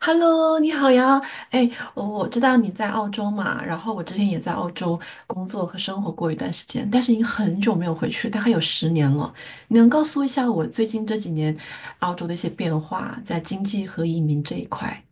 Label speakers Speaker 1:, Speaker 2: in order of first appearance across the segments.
Speaker 1: Hello，你好呀！哎，我知道你在澳洲嘛，然后我之前也在澳洲工作和生活过一段时间，但是已经很久没有回去，大概有十年了。你能告诉我一下我最近这几年澳洲的一些变化，在经济和移民这一块？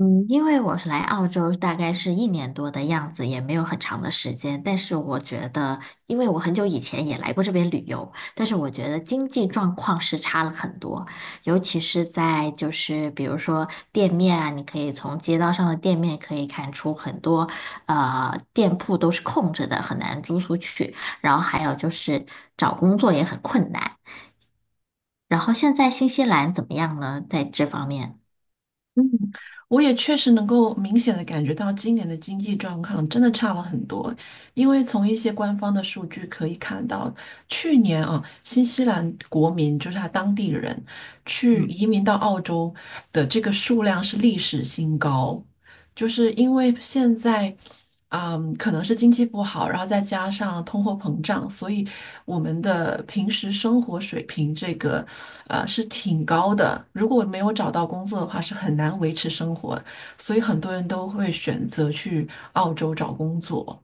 Speaker 2: 嗯，因为我是来澳洲大概是1年多的样子，也没有很长的时间。但是我觉得，因为我很久以前也来过这边旅游，但是我觉得经济状况是差了很多，尤其是在就是比如说店面啊，你可以从街道上的店面可以看出很多店铺都是空着的，很难租出去。然后还有就是找工作也很困难。然后现在新西兰怎么样呢？在这方面？
Speaker 1: 嗯，我也确实能够明显的感觉到今年的经济状况真的差了很多，因为从一些官方的数据可以看到，去年啊，新西兰国民就是他当地人去
Speaker 2: 嗯。
Speaker 1: 移民到澳洲的这个数量是历史新高。就是因为现在，嗯，可能是经济不好，然后再加上通货膨胀，所以我们的平时生活水平这个，是挺高的。如果没有找到工作的话，是很难维持生活，所以很多人都会选择去澳洲找工作。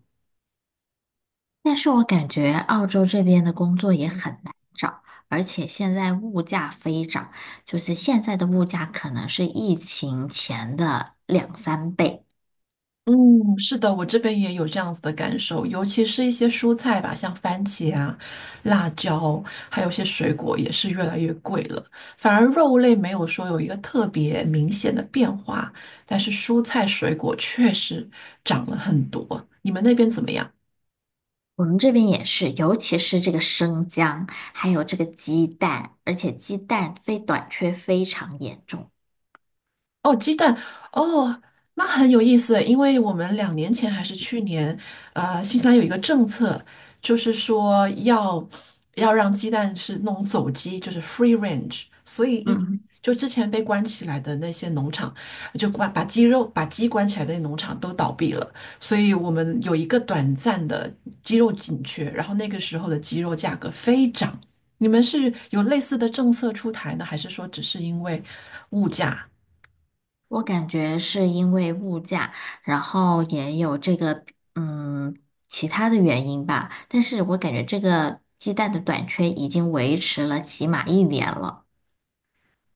Speaker 2: 但是我感觉澳洲这边的工作也很难找，而且现在物价飞涨，就是现在的物价可能是疫情前的2、3倍。
Speaker 1: 嗯，是的，我这边也有这样子的感受，尤其是一些蔬菜吧，像番茄啊、辣椒，还有一些水果也是越来越贵了。反而肉类没有说有一个特别明显的变化，但是蔬菜水果确实涨了很多。你们那边怎么样？
Speaker 2: 我们这边也是，尤其是这个生姜，还有这个鸡蛋，而且鸡蛋非短缺非常严重。
Speaker 1: 哦，鸡蛋哦，那很有意思，因为我们两年前还是去年，新西兰有一个政策，就是说要让鸡蛋是那种走鸡，就是 free range，所以一
Speaker 2: 嗯。
Speaker 1: 就之前被关起来的那些农场，就关把鸡肉把鸡关起来的农场都倒闭了，所以我们有一个短暂的鸡肉紧缺，然后那个时候的鸡肉价格飞涨。你们是有类似的政策出台呢，还是说只是因为物价？
Speaker 2: 我感觉是因为物价，然后也有这个嗯其他的原因吧，但是我感觉这个鸡蛋的短缺已经维持了起码一年了。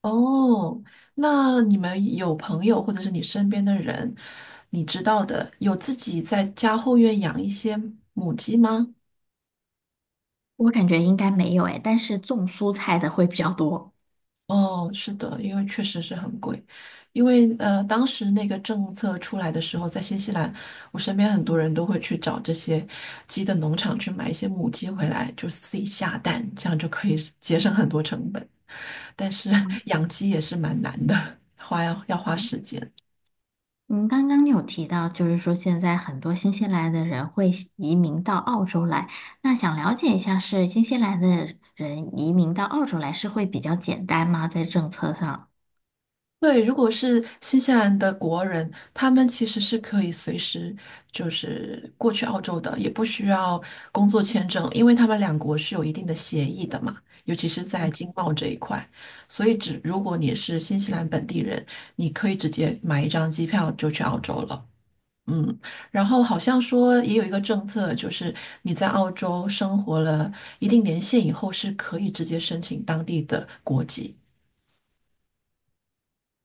Speaker 1: 哦，那你们有朋友或者是你身边的人，你知道的，有自己在家后院养一些母鸡吗？
Speaker 2: 我感觉应该没有诶，但是种蔬菜的会比较多。
Speaker 1: 哦，是的，因为确实是很贵，因为当时那个政策出来的时候，在新西兰，我身边很多人都会去找这些鸡的农场去买一些母鸡回来，就自己下蛋，这样就可以节省很多成本。但是 养鸡也是蛮难的，花要花时间。
Speaker 2: 嗯，刚刚你有提到，就是说现在很多新西兰的人会移民到澳洲来，那想了解一下，是新西兰的人移民到澳洲来是会比较简单吗？在政策上？
Speaker 1: 对，如果是新西兰的国人，他们其实是可以随时就是过去澳洲的，也不需要工作签证，因为他们两国是有一定的协议的嘛，尤其是在经贸这一块。所以只，如果你是新西兰本地人，你可以直接买一张机票就去澳洲了。嗯，然后好像说也有一个政策，就是你在澳洲生活了一定年限以后，是可以直接申请当地的国籍，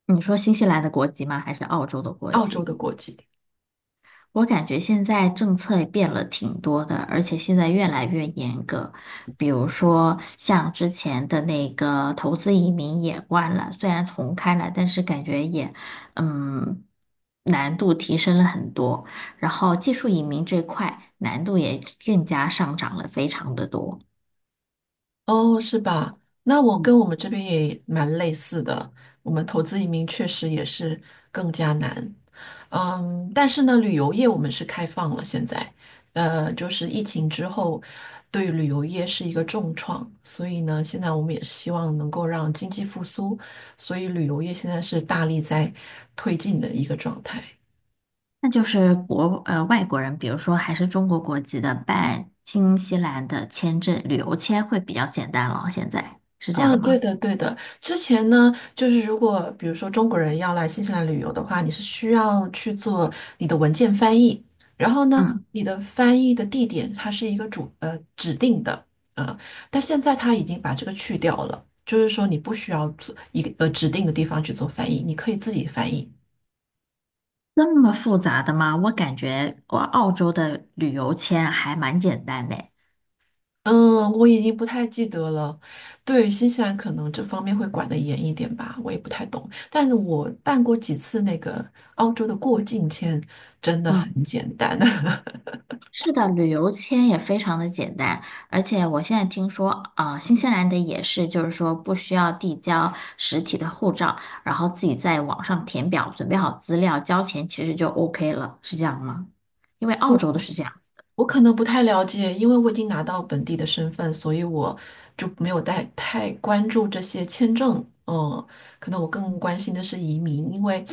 Speaker 2: 你说新西兰的国籍吗？还是澳洲的国
Speaker 1: 澳洲
Speaker 2: 籍？
Speaker 1: 的国籍。
Speaker 2: 我感觉现在政策也变了挺多的，而且现在越来越严格。比如说，像之前的那个投资移民也关了，虽然重开了，但是感觉也，嗯，难度提升了很多。然后技术移民这块难度也更加上涨了非常的多。
Speaker 1: 哦，是吧？那我跟我们这边也蛮类似的，我们投资移民确实也是更加难。嗯，但是呢，旅游业我们是开放了，现在，就是疫情之后，对旅游业是一个重创，所以呢，现在我们也是希望能够让经济复苏，所以旅游业现在是大力在推进的一个状态。
Speaker 2: 那就是外国人，比如说还是中国国籍的，办新西兰的签证旅游签会比较简单了。现在是这样
Speaker 1: 嗯，对
Speaker 2: 吗？
Speaker 1: 的，对的。之前呢，就是如果比如说中国人要来新西兰旅游的话，你是需要去做你的文件翻译，然后呢，
Speaker 2: 嗯，
Speaker 1: 你的翻译的地点它是一个指定的啊、呃但现在它已经把这个去掉了，就是说你不需要做一个指定的地方去做翻译，你可以自己翻译。
Speaker 2: 那么复杂的吗？我感觉我澳洲的旅游签还蛮简单的诶。
Speaker 1: 嗯，我已经不太记得了。对，新西兰可能这方面会管得严一点吧，我也不太懂。但是我办过几次那个澳洲的过境签，真的
Speaker 2: 嗯。
Speaker 1: 很简单。
Speaker 2: 是的，旅游签也非常的简单，而且我现在听说，啊、新西兰的也是，就是说不需要递交实体的护照，然后自己在网上填表，准备好资料，交钱，其实就 OK 了，是这样吗？因为澳洲的是这样。
Speaker 1: 我可能不太了解，因为我已经拿到本地的身份，所以我就没有太关注这些签证。嗯，可能我更关心的是移民，因为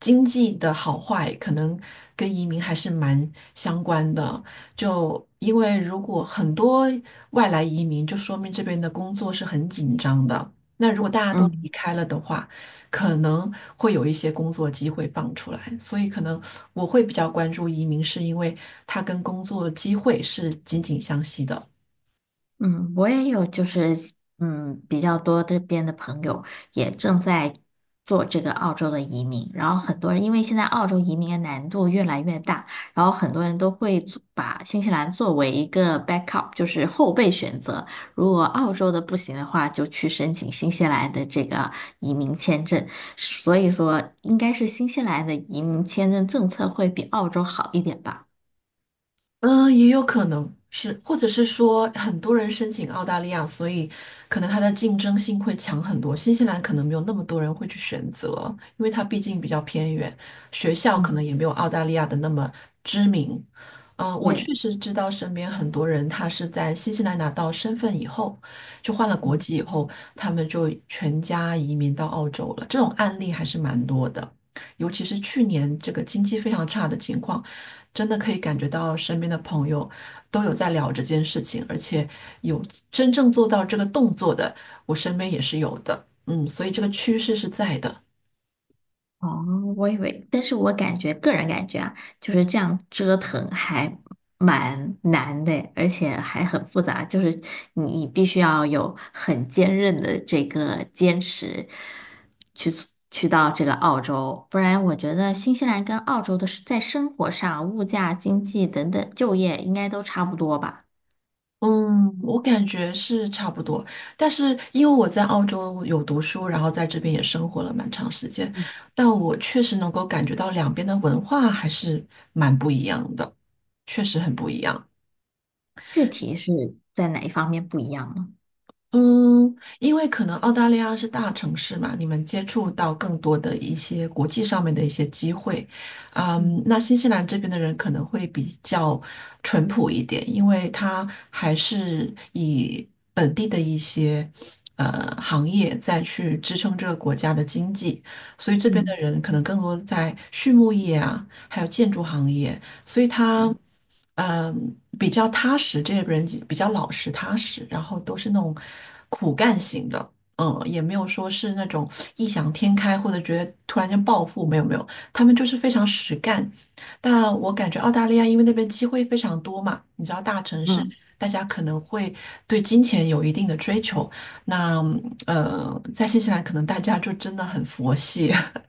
Speaker 1: 经济的好坏可能跟移民还是蛮相关的。就因为如果很多外来移民，就说明这边的工作是很紧张的。那如果大家都
Speaker 2: 嗯。
Speaker 1: 离开了的话，可能会有一些工作机会放出来，所以可能我会比较关注移民，是因为它跟工作机会是紧紧相系的。
Speaker 2: 嗯，我也有，就是比较多这边的朋友也正在做这个澳洲的移民，然后很多人因为现在澳洲移民的难度越来越大，然后很多人都会做把新西兰作为一个 backup,就是后备选择。如果澳洲的不行的话，就去申请新西兰的这个移民签证。所以说，应该是新西兰的移民签证政策会比澳洲好一点吧？
Speaker 1: 嗯，也有可能是，或者是说很多人申请澳大利亚，所以可能它的竞争性会强很多。新西兰可能没有那么多人会去选择，因为它毕竟比较偏远，学校可能
Speaker 2: 嗯。
Speaker 1: 也没有澳大利亚的那么知名。嗯，我
Speaker 2: 对。
Speaker 1: 确实知道身边很多人，他是在新西兰拿到身份以后，就换了国
Speaker 2: 嗯。
Speaker 1: 籍以后，他们就全家移民到澳洲了。这种案例还是蛮多的，尤其是去年这个经济非常差的情况。真的可以感觉到身边的朋友都有在聊这件事情，而且有真正做到这个动作的，我身边也是有的。嗯，所以这个趋势是在的。
Speaker 2: 哦，我以为，但是我感觉个人感觉啊，就是这样折腾还蛮难的，而且还很复杂，就是你必须要有很坚韧的这个坚持去去到这个澳洲，不然我觉得新西兰跟澳洲的是在生活上、物价、经济等等、就业应该都差不多吧？
Speaker 1: 嗯，我感觉是差不多，但是因为我在澳洲有读书，然后在这边也生活了蛮长时间，但我确实能够感觉到两边的文化还是蛮不一样的，确实很不一样。
Speaker 2: 具体是在哪一方面不一样呢？
Speaker 1: 嗯，因为可能澳大利亚是大城市嘛，你们接触到更多的一些国际上面的一些机会。嗯，
Speaker 2: 嗯
Speaker 1: 那新西兰这边的人可能会比较淳朴一点，因为他还是以本地的一些行业再去支撑这个国家的经济，所以这边的
Speaker 2: 嗯
Speaker 1: 人可能更多在畜牧业啊，还有建筑行业。所以他嗯比较踏实，这些人比较老实踏实，然后都是那种苦干型的，嗯，也没有说是那种异想天开或者觉得突然间暴富，没有没有，他们就是非常实干。但我感觉澳大利亚因为那边机会非常多嘛，你知道大城市。
Speaker 2: 嗯。
Speaker 1: 大家可能会对金钱有一定的追求，那在新西兰可能大家就真的很佛系，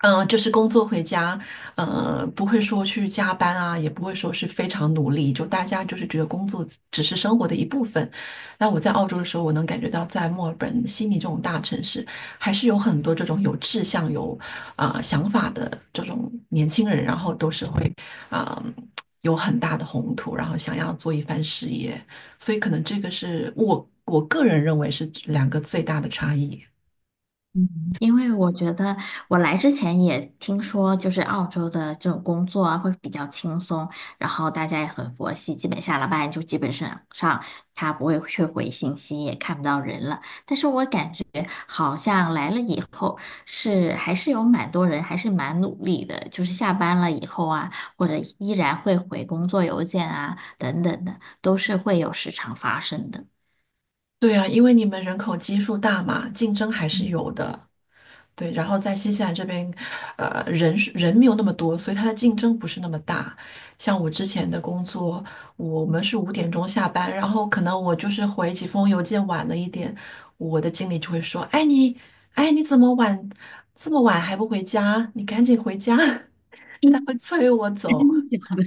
Speaker 1: 嗯，就是工作回家，不会说去加班啊，也不会说是非常努力，就大家就是觉得工作只是生活的一部分。那我在澳洲的时候，我能感觉到在墨尔本、悉尼这种大城市，还是有很多这种有志向、有啊想法的这种年轻人，然后都是会啊、呃有很大的宏图，然后想要做一番事业，所以可能这个是我个人认为是两个最大的差异。
Speaker 2: 嗯，因为我觉得我来之前也听说，就是澳洲的这种工作啊会比较轻松，然后大家也很佛系，基本下了班就基本上他不会去回信息，也看不到人了。但是我感觉好像来了以后是还是有蛮多人还是蛮努力的，就是下班了以后啊，或者依然会回工作邮件啊等等的，都是会有时常发生的。
Speaker 1: 对啊，因为你们人口基数大嘛，竞争还是
Speaker 2: 嗯，
Speaker 1: 有的。对，然后在新西兰这边，人没有那么多，所以它的竞争不是那么大。像我之前的工作，我们是五点钟下班，然后可能我就是回几封邮件晚了一点，我的经理就会说：“哎你，哎你怎么晚这么晚还不回家？你赶紧回家！” 就他
Speaker 2: 嗯
Speaker 1: 会催我
Speaker 2: 真
Speaker 1: 走。
Speaker 2: 的假的？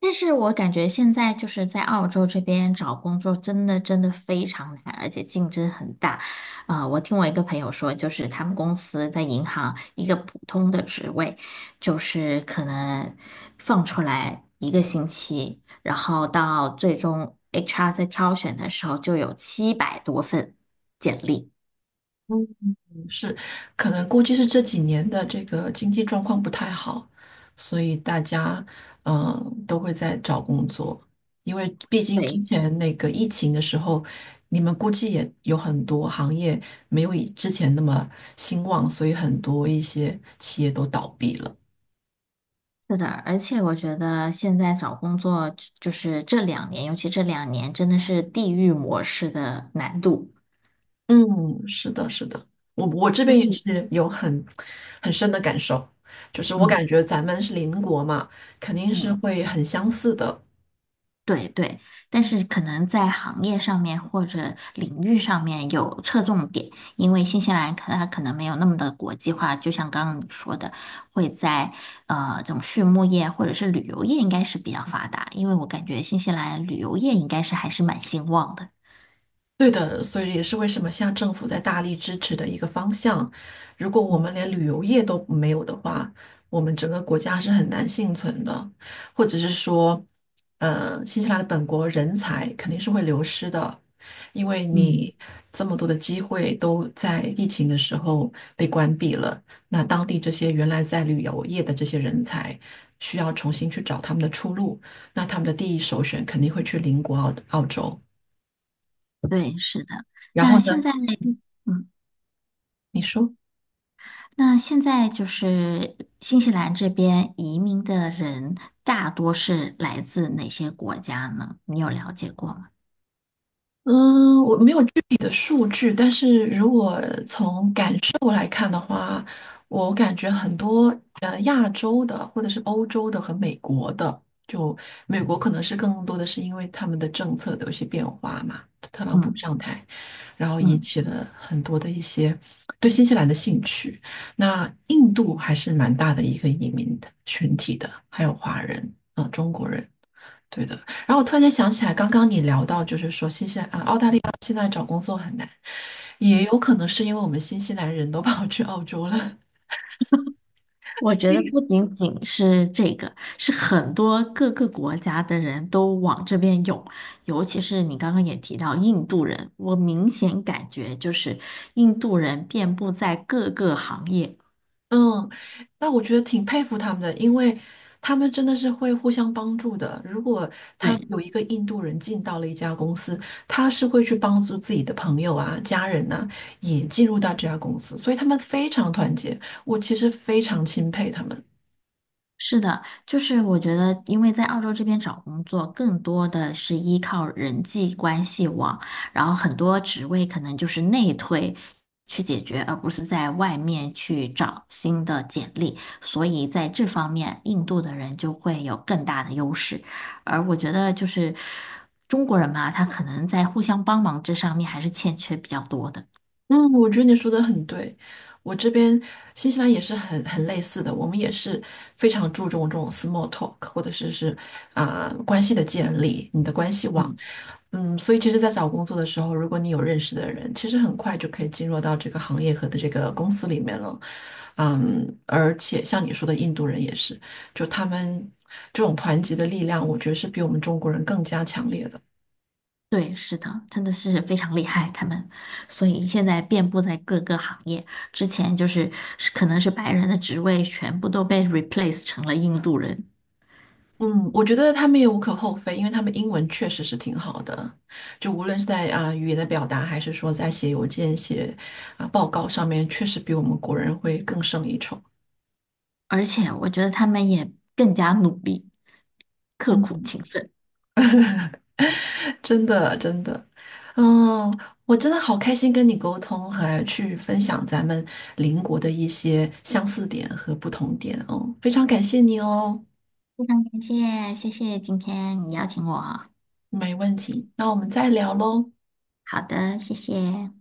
Speaker 2: 但是我感觉现在就是在澳洲这边找工作真的真的非常难，而且竞争很大。啊，我听我一个朋友说，就是他们公司在银行一个普通的职位，就是可能放出来1个星期，然后到最终 HR 在挑选的时候就有700多份简历。
Speaker 1: 是，可能估计是这几年的这个经济状况不太好，所以大家都会在找工作，因为毕竟之
Speaker 2: 对，
Speaker 1: 前那个疫情的时候，你们估计也有很多行业没有以之前那么兴旺，所以很多一些企业都倒闭了。
Speaker 2: 是的，而且我觉得现在找工作就是这两年，尤其这两年真的是地域模式的难度。
Speaker 1: 嗯，是的，是的，我这
Speaker 2: 因
Speaker 1: 边也
Speaker 2: 为
Speaker 1: 是有很深的感受，就是我
Speaker 2: 嗯
Speaker 1: 感觉咱们是邻国嘛，肯定是
Speaker 2: 嗯，
Speaker 1: 会很相似的。
Speaker 2: 对对，但是可能在行业上面或者领域上面有侧重点，因为新西兰可它可能没有那么的国际化，就像刚刚你说的，会在这种畜牧业或者是旅游业应该是比较发达，因为我感觉新西兰旅游业应该是还是蛮兴旺的。
Speaker 1: 对的，所以也是为什么现在政府在大力支持的一个方向。如果我们
Speaker 2: 嗯
Speaker 1: 连旅游业都没有的话，我们整个国家是很难幸存的，或者是说，新西兰的本国人才肯定是会流失的，因为
Speaker 2: 嗯，
Speaker 1: 你这么多的机会都在疫情的时候被关闭了，那当地这些原来在旅游业的这些人才需要重新去找他们的出路，那他们的第一首选肯定会去邻国澳洲，
Speaker 2: 对，是的。
Speaker 1: 然后
Speaker 2: 那现
Speaker 1: 呢，
Speaker 2: 在，嗯。
Speaker 1: 你说。
Speaker 2: 那现在就是新西兰这边移民的人大多是来自哪些国家呢？你有了解过吗？
Speaker 1: 嗯，我没有具体的数据，但是如果从感受来看的话，我感觉很多亚洲的或者是欧洲的和美国的，就美国可能是更多的是因为他们的政策的有一些变化嘛，特朗普
Speaker 2: 嗯
Speaker 1: 上台，然后引
Speaker 2: 嗯
Speaker 1: 起了很多的一些对新西兰的兴趣。那印度还是蛮大的一个移民的群体的，还有华人中国人。对的，然后我突然间想起来，刚刚你聊到，就是说新西兰啊，澳大利亚现在找工作很难，也
Speaker 2: 嗯，
Speaker 1: 有可能是因为我们新西兰人都跑去澳洲了。
Speaker 2: 我
Speaker 1: 所
Speaker 2: 觉得
Speaker 1: 以
Speaker 2: 不仅仅是这个，是很多各个国家的人都往这边涌，尤其是你刚刚也提到印度人，我明显感觉就是印度人遍布在各个行业。
Speaker 1: 嗯，那我觉得挺佩服他们的，因为他们真的是会互相帮助的。如果他
Speaker 2: 对。
Speaker 1: 有一个印度人进到了一家公司，他是会去帮助自己的朋友啊、家人呐、也进入到这家公司，所以他们非常团结。我其实非常钦佩他们。
Speaker 2: 是的，就是我觉得，因为在澳洲这边找工作，更多的是依靠人际关系网，然后很多职位可能就是内推去解决，而不是在外面去找新的简历，所以在这方面，印度的人就会有更大的优势。而我觉得就是中国人嘛，他可能在互相帮忙这上面还是欠缺比较多的。
Speaker 1: 嗯，我觉得你说的很对。我这边新西兰也是很类似的，我们也是非常注重这种 small talk，或者是关系的建立，你的关系网。
Speaker 2: 嗯。
Speaker 1: 嗯，所以其实，在找工作的时候，如果你有认识的人，其实很快就可以进入到这个行业和的这个公司里面了。嗯，而且像你说的，印度人也是，就他们这种团结的力量，我觉得是比我们中国人更加强烈的。
Speaker 2: 对，是的，真的是非常厉害，他们，所以现在遍布在各个行业。之前就是是可能是白人的职位全部都被 replace 成了印度人，
Speaker 1: 嗯，我觉得他们也无可厚非，因为他们英文确实是挺好的，就无论是在语言的表达，还是说在写邮件、写报告上面，确实比我们国人会更胜一筹。
Speaker 2: 而且我觉得他们也更加努力、刻苦
Speaker 1: 嗯，
Speaker 2: 勤奋。
Speaker 1: 真的真的，嗯，我真的好开心跟你沟通，还去分享咱们邻国的一些相似点和不同点哦，非常感谢你哦，
Speaker 2: 感谢，谢谢今天你邀请我。
Speaker 1: 没问题，那我们再聊喽。
Speaker 2: 好的，谢谢。